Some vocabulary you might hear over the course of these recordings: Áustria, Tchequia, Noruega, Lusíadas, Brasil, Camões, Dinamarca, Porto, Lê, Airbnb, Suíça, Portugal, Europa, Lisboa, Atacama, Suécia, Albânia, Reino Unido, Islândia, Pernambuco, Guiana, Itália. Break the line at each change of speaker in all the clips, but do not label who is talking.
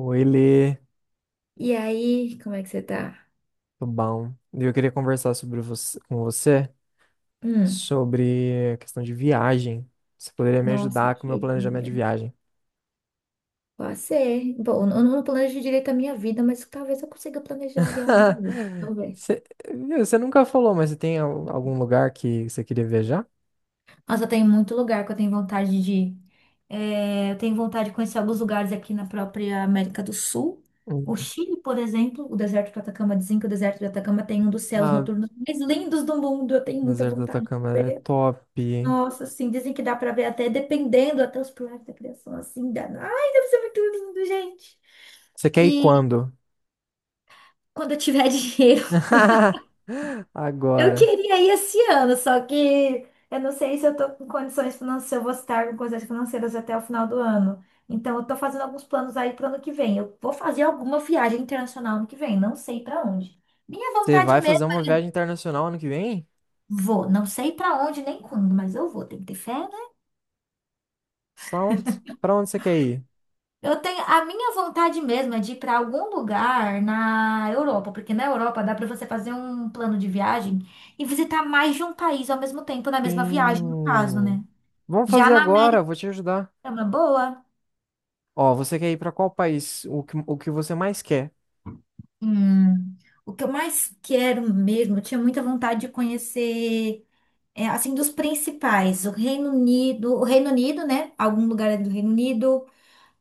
Oi, Lê,
E aí, como é que você tá?
tudo bom? Eu queria conversar com você
Hum,
sobre a questão de viagem. Você poderia me
nossa,
ajudar com o meu planejamento de
querida.
viagem?
Pode ser. Bom, eu não planejo direito a minha vida, mas talvez eu consiga planejar a viagem dele. Vamos ver.
Você, viu, você nunca falou, mas você tem algum lugar que você queria viajar?
Nossa, tem muito lugar que eu tenho vontade de ir. É, eu tenho vontade de conhecer alguns lugares aqui na própria América do Sul. O
Hum.
Chile, por exemplo, o deserto de Atacama, dizem que o deserto de Atacama tem um dos céus
Ah,
noturnos mais lindos do mundo. Eu tenho muita
deserto do
vontade de
Atacama é
ver.
top.
Nossa, assim, dizem que dá pra ver até dependendo, até os pilares da criação, assim, dá. Ai, deve ser muito lindo, gente.
Você quer ir
E
quando?
quando eu tiver dinheiro, eu
Agora.
queria ir esse ano, só que eu não sei se eu tô com condições financeiras, se eu vou estar com condições financeiras até o final do ano. Então, eu tô fazendo alguns planos aí para ano que vem. Eu vou fazer alguma viagem internacional ano que vem, não sei para onde. Minha
Você
vontade
vai fazer
mesmo,
uma viagem internacional ano que vem?
vou. Não sei para onde nem quando, mas eu vou. Tem que ter fé.
Pra onde, pra onde, você quer ir?
Eu tenho a minha vontade mesmo é de ir para algum lugar na Europa, porque na Europa dá para você fazer um plano de viagem e visitar mais de um país ao mesmo tempo, na mesma viagem, no caso, né?
Sim. Vamos
Já
fazer
na América
agora, vou te ajudar.
é uma boa.
Ó, você quer ir pra qual país? O que, você mais quer?
Hum, o que eu mais quero mesmo, eu tinha muita vontade de conhecer, é, assim, dos principais, o Reino Unido, né? Algum lugar ali do Reino Unido,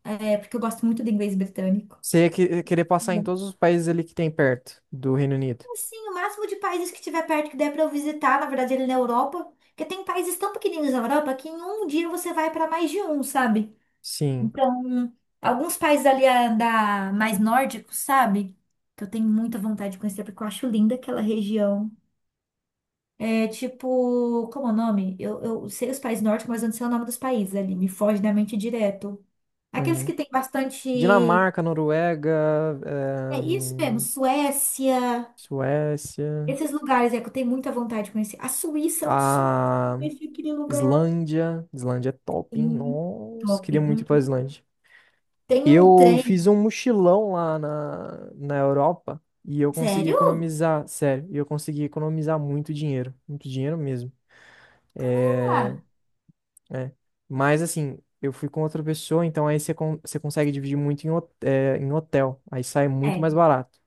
é, porque eu gosto muito do inglês britânico.
Você ia querer passar em todos os países ali que tem perto do Reino Unido?
Assim, o máximo de países que tiver perto que der pra eu visitar, na verdade, ele na Europa. Porque tem países tão pequeninos na Europa que em um dia você vai pra mais de um, sabe?
Sim.
Então, alguns países ali ah, da mais nórdicos, sabe? Que eu tenho muita vontade de conhecer, porque eu acho linda aquela região. É tipo, como é o nome? Eu sei os países nórdicos, mas eu não sei o nome dos países ali. Me foge da mente direto. Aqueles
Uhum.
que tem bastante.
Dinamarca, Noruega,
É isso mesmo, Suécia.
Suécia,
Esses lugares é que eu tenho muita vontade de conhecer. A Suíça é um sonho
a
conhecer aquele lugar.
Islândia. Islândia é top, hein?
Sim,
Nossa,
top.
queria muito ir pra
Hum.
Islândia.
Tem um
Eu fiz
trem.
um mochilão lá na Europa e eu consegui
Sério?
economizar, sério, e eu consegui economizar muito dinheiro mesmo.
Caramba!
É, é. Mas assim, eu fui com outra pessoa, então aí você consegue dividir muito em hotel, aí sai muito
É,
mais barato.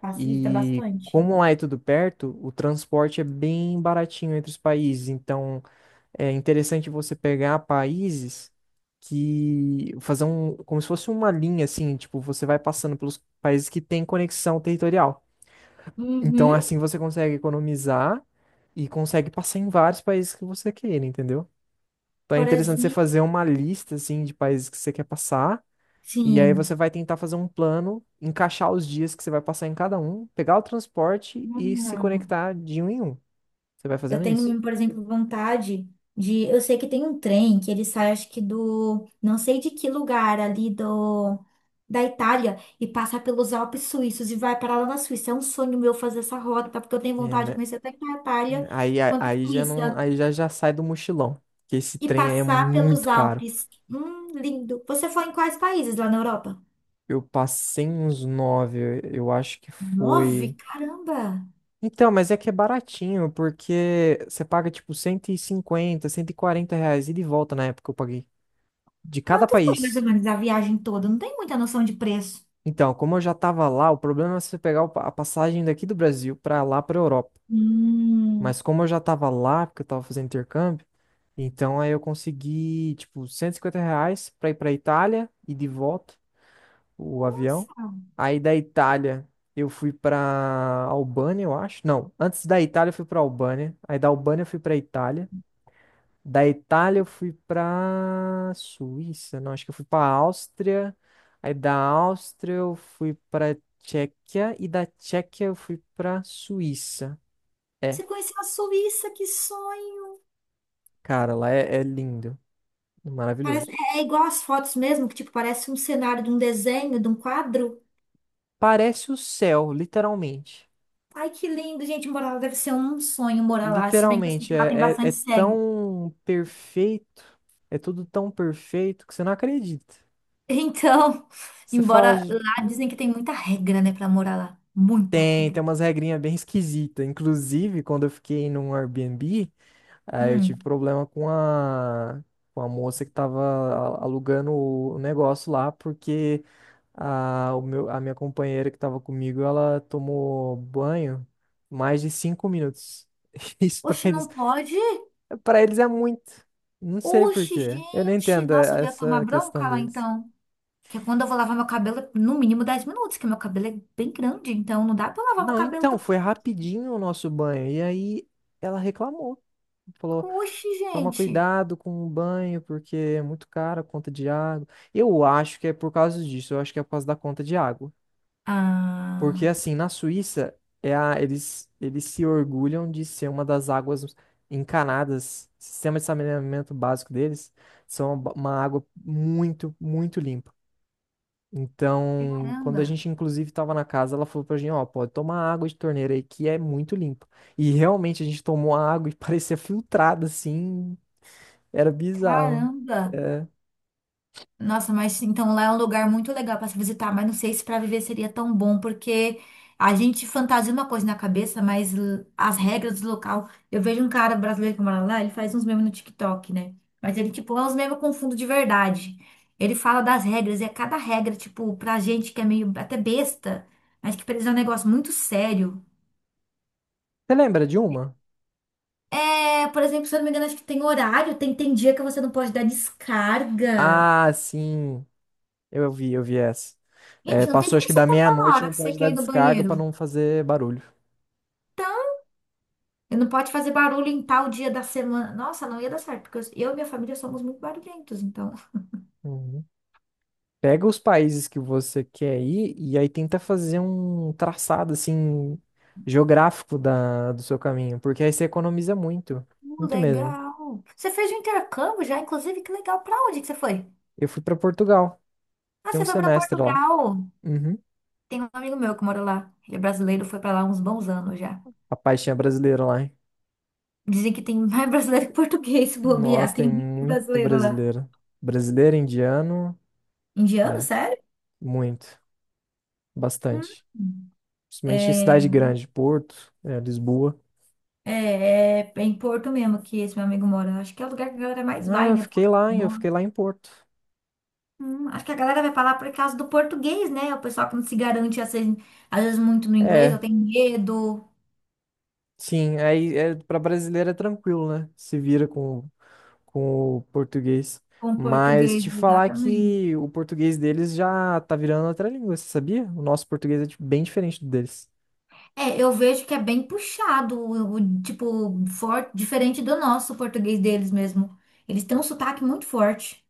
facilita
E
bastante.
como lá é tudo perto, o transporte é bem baratinho entre os países, então. É interessante você pegar países que fazer um, como se fosse uma linha assim, tipo, você vai passando pelos países que têm conexão territorial. Então,
Uhum.
assim você consegue economizar e consegue passar em vários países que você queira, entendeu? Então é
Por
interessante você
exemplo,
fazer uma lista assim de países que você quer passar e aí você
sim.
vai tentar fazer um plano, encaixar os dias que você vai passar em cada um, pegar o transporte e se
Hum.
conectar de um em um. Você vai
Eu
fazendo isso.
tenho, por exemplo, vontade de. Eu sei que tem um trem que ele sai, acho que do. Não sei de que lugar ali do. Da Itália e passa pelos Alpes suíços e vai parar lá na Suíça. É um sonho meu fazer essa rota, porque eu tenho vontade de
É.
conhecer tanto a Itália
Aí,
quanto a
aí já não,
Suíça
aí já já sai do mochilão, que esse
e
trem aí é
passar pelos
muito caro.
Alpes. Lindo. Você foi em quais países lá na Europa?
Eu passei uns nove, eu acho que foi.
Nove? Caramba!
Então, mas é que é baratinho, porque você paga tipo 150, 140 reais ida e de volta na época que eu paguei, de cada
Quanto foi mais ou
país.
menos a viagem toda? Não tem muita noção de preço.
Então, como eu já tava lá, o problema é você pegar o a passagem daqui do Brasil pra lá pra Europa.
Hum,
Mas como eu já tava lá, porque eu tava fazendo intercâmbio, então aí eu consegui tipo 150 reais pra ir pra Itália e de volta. O avião.
nossa.
Aí da Itália eu fui pra Albânia, eu acho. Não, antes da Itália eu fui pra Albânia. Aí da Albânia eu fui pra Itália. Da Itália eu fui pra Suíça, não, acho que eu fui pra Áustria. Aí da Áustria eu fui pra Tchequia e da Tchequia eu fui pra Suíça. É,
Você conheceu a Suíça, que sonho!
cara, lá é lindo,
Parece,
maravilhoso.
é igual as fotos mesmo, que tipo, parece um cenário de um desenho, de um quadro.
Parece o céu, literalmente.
Ai, que lindo, gente, morar lá deve ser um sonho morar lá, se bem que eu sei
Literalmente,
que lá tem
é
bastante cego.
tão perfeito, é tudo tão perfeito que você não acredita.
Então,
Você fala,
embora
"Gi-
lá
hum,
dizem que tem muita regra, né, pra morar lá. Muita
tem,
regra.
tem umas regrinhas bem esquisitas. Inclusive, quando eu fiquei num Airbnb, aí eu tive
Hum.
problema com a moça que tava alugando o negócio lá, porque a minha companheira que tava comigo, ela tomou banho mais de 5 minutos. Isso pra
Oxe, não
eles
pode?
Pra eles é muito. Não sei por
Oxe,
quê. Eu não
gente,
entendo
nossa, eu ia tomar
essa questão
bronca lá
deles.
então. Que é quando eu vou lavar meu cabelo, é no mínimo 10 minutos, que meu cabelo é bem grande, então não dá pra eu lavar meu
Não,
cabelo
então,
tão.
foi rapidinho o nosso banho. E aí ela reclamou. Falou,
Oxe,
toma
gente.
cuidado com o banho, porque é muito caro a conta de água. Eu acho que é por causa disso, eu acho que é por causa da conta de água. Porque
Ah,
assim, na Suíça, eles se orgulham de ser uma das águas encanadas. Sistema de saneamento básico deles são uma água muito, muito limpa. Então, quando a
caramba,
gente inclusive estava na casa, ela falou pra gente, ó, pode tomar água de torneira aí que é muito limpa. E realmente a gente tomou a água e parecia filtrada assim, era bizarro.
caramba.
É.
Nossa, mas então lá é um lugar muito legal para se visitar, mas não sei se para viver seria tão bom, porque a gente fantasia uma coisa na cabeça, mas l- as regras do local. Eu vejo um cara brasileiro que mora lá, ele faz uns memes no TikTok, né? Mas ele, tipo, é uns memes com fundo de verdade. Ele fala das regras, e é cada regra, tipo, pra gente que é meio até besta, mas que pra eles é um negócio muito sério.
Você lembra de uma?
É, por exemplo, se eu não me engano, acho que tem horário, tem dia que você não pode dar descarga.
Ah, sim, eu vi essa. É,
Gente, não tem
passou acho
como
que
você
da
contar na
meia-noite,
hora
não
que você
pode dar
quer ir no
descarga pra
banheiro.
não fazer barulho.
E não pode fazer barulho em tal dia da semana. Nossa, não ia dar certo, porque eu e minha família somos muito barulhentos, então.
Uhum. Pega os países que você quer ir e aí tenta fazer um traçado assim geográfico do seu caminho, porque aí você economiza muito, muito mesmo.
Legal. Você fez um intercâmbio já, inclusive, que legal. Pra onde que você foi?
Eu fui pra Portugal,
Ah,
fiquei um
você foi pra
semestre lá.
Portugal.
Uhum.
Tem um amigo meu que mora lá. Ele é brasileiro, foi pra lá há uns bons anos já.
Rapaz, tinha brasileiro lá, hein?
Dizem que tem mais brasileiro que português, se bobear.
Nossa, tem
Tem muito
muito
brasileiro lá.
brasileiro. Brasileiro, indiano,
Indiano,
é,
sério?
muito, bastante.
Hum.
Principalmente em
É,
cidade grande, Porto, Lisboa.
é, é em Porto mesmo que esse meu amigo mora. Acho que é o lugar que a galera mais
Não,
vai,
eu
né?
fiquei
Porto,
lá, hein? Eu
bom.
fiquei lá em Porto.
Acho que a galera vai falar por causa do português, né? O pessoal que não se garante, assim, às vezes, muito no inglês, ou
É.
tem medo
Sim, aí é, para brasileiro é tranquilo, né? Se vira com o português.
com o
Mas
português,
te falar
exatamente.
que o português deles já tá virando outra língua, você sabia? O nosso português é bem diferente do deles.
É, eu vejo que é bem puxado, o tipo, forte, diferente do nosso português deles mesmo. Eles têm um sotaque muito forte.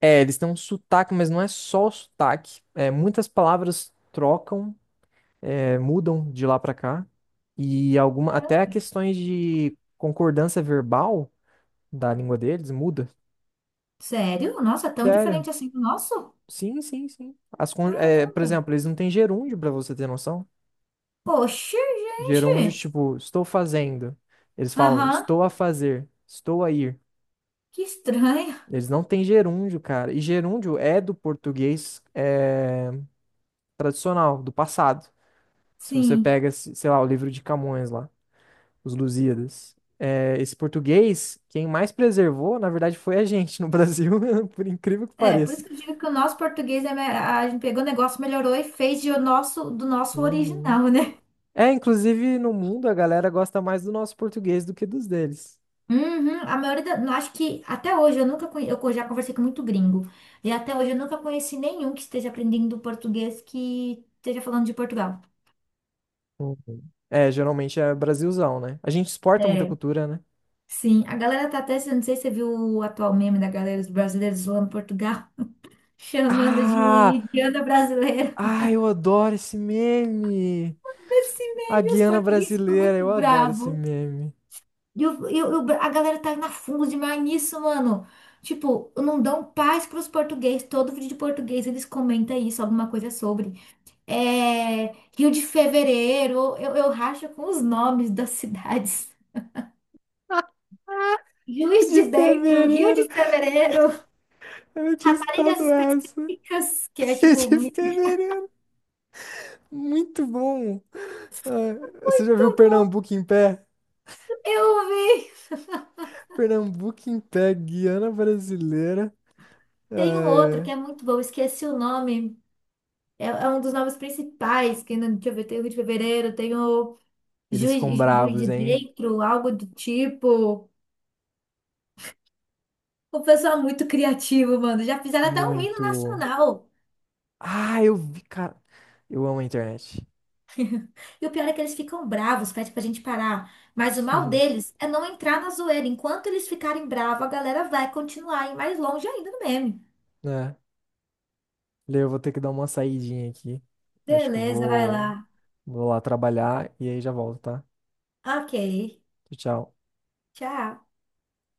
É, eles têm um sotaque, mas não é só o sotaque. É, muitas palavras trocam, mudam de lá pra cá. E alguma,
Caramba.
até questões de concordância verbal da língua deles muda.
Sério? Nossa, é tão
Sério?
diferente assim do nosso?
Sim, sim, sim. Por
Caramba.
exemplo, eles não têm gerúndio, pra você ter noção.
Poxa,
Gerúndios,
gente.
tipo, estou fazendo. Eles falam,
Aham,
estou a fazer, estou a ir.
que estranho.
Eles não têm gerúndio, cara. E gerúndio é do português tradicional, do passado. Se você
Sim.
pega, sei lá, o livro de Camões lá, os Lusíadas. É, esse português, quem mais preservou, na verdade, foi a gente no Brasil, por incrível que
É, por
pareça.
isso que eu digo que o nosso português, é, me- a gente pegou o negócio, melhorou e fez de o nosso, do nosso
Uhum.
original, né?
É, inclusive no mundo a galera gosta mais do nosso português do que dos deles.
Uhum, a maioria da, não, acho que até hoje eu nunca conhe, eu já conversei com muito gringo. E até hoje eu nunca conheci nenhum que esteja aprendendo português que esteja falando de Portugal.
Uhum. É, geralmente é Brasilzão, né? A gente exporta muita
É,
cultura, né?
sim. A galera tá até, não sei se você viu o atual meme da galera dos brasileiros zoando Portugal, chamando de
Ah!
Indiana brasileira.
Ah, eu adoro esse meme!
Esse
A
meme, os
Guiana
portugueses ficam
brasileira,
muito
eu adoro esse
bravos.
meme.
E a galera tá na fundo demais nisso, mano. Tipo, não dão paz pros portugueses. Todo vídeo de português eles comentam isso, alguma coisa sobre. É, Rio de Fevereiro, eu racho com os nomes das cidades. Juiz
De
de Dentro, Rio
fevereiro,
de Fevereiro,
eu não tinha
Raparigas
escutado essa.
Específicas, que é tipo,
De
muito
fevereiro, muito bom. Ah, você já viu
bom.
Pernambuco em pé?
Eu vi.
Pernambuco em pé, Guiana brasileira. Ah,
Tem um outro que
é.
é muito bom, esqueci o nome. É, é um dos nomes principais, que não- deixa eu ver, tem o Rio de Fevereiro, tem o.
Eles ficam
Juiz de
bravos, hein?
dentro, algo do tipo. O pessoal é muito criativo, mano. Já fizeram até um hino
Muito.
nacional.
Ah, eu vi, cara. Eu amo a internet.
E o pior é que eles ficam bravos, pede pra gente parar. Mas o mal deles é não entrar na zoeira. Enquanto eles ficarem bravos, a galera vai continuar a ir mais longe ainda no meme.
É. Lê, eu vou ter que dar uma saidinha aqui. Acho que eu
Beleza, vai
vou,
lá.
vou lá trabalhar e aí já volto, tá?
Ok.
Tchau, tchau.
Tchau.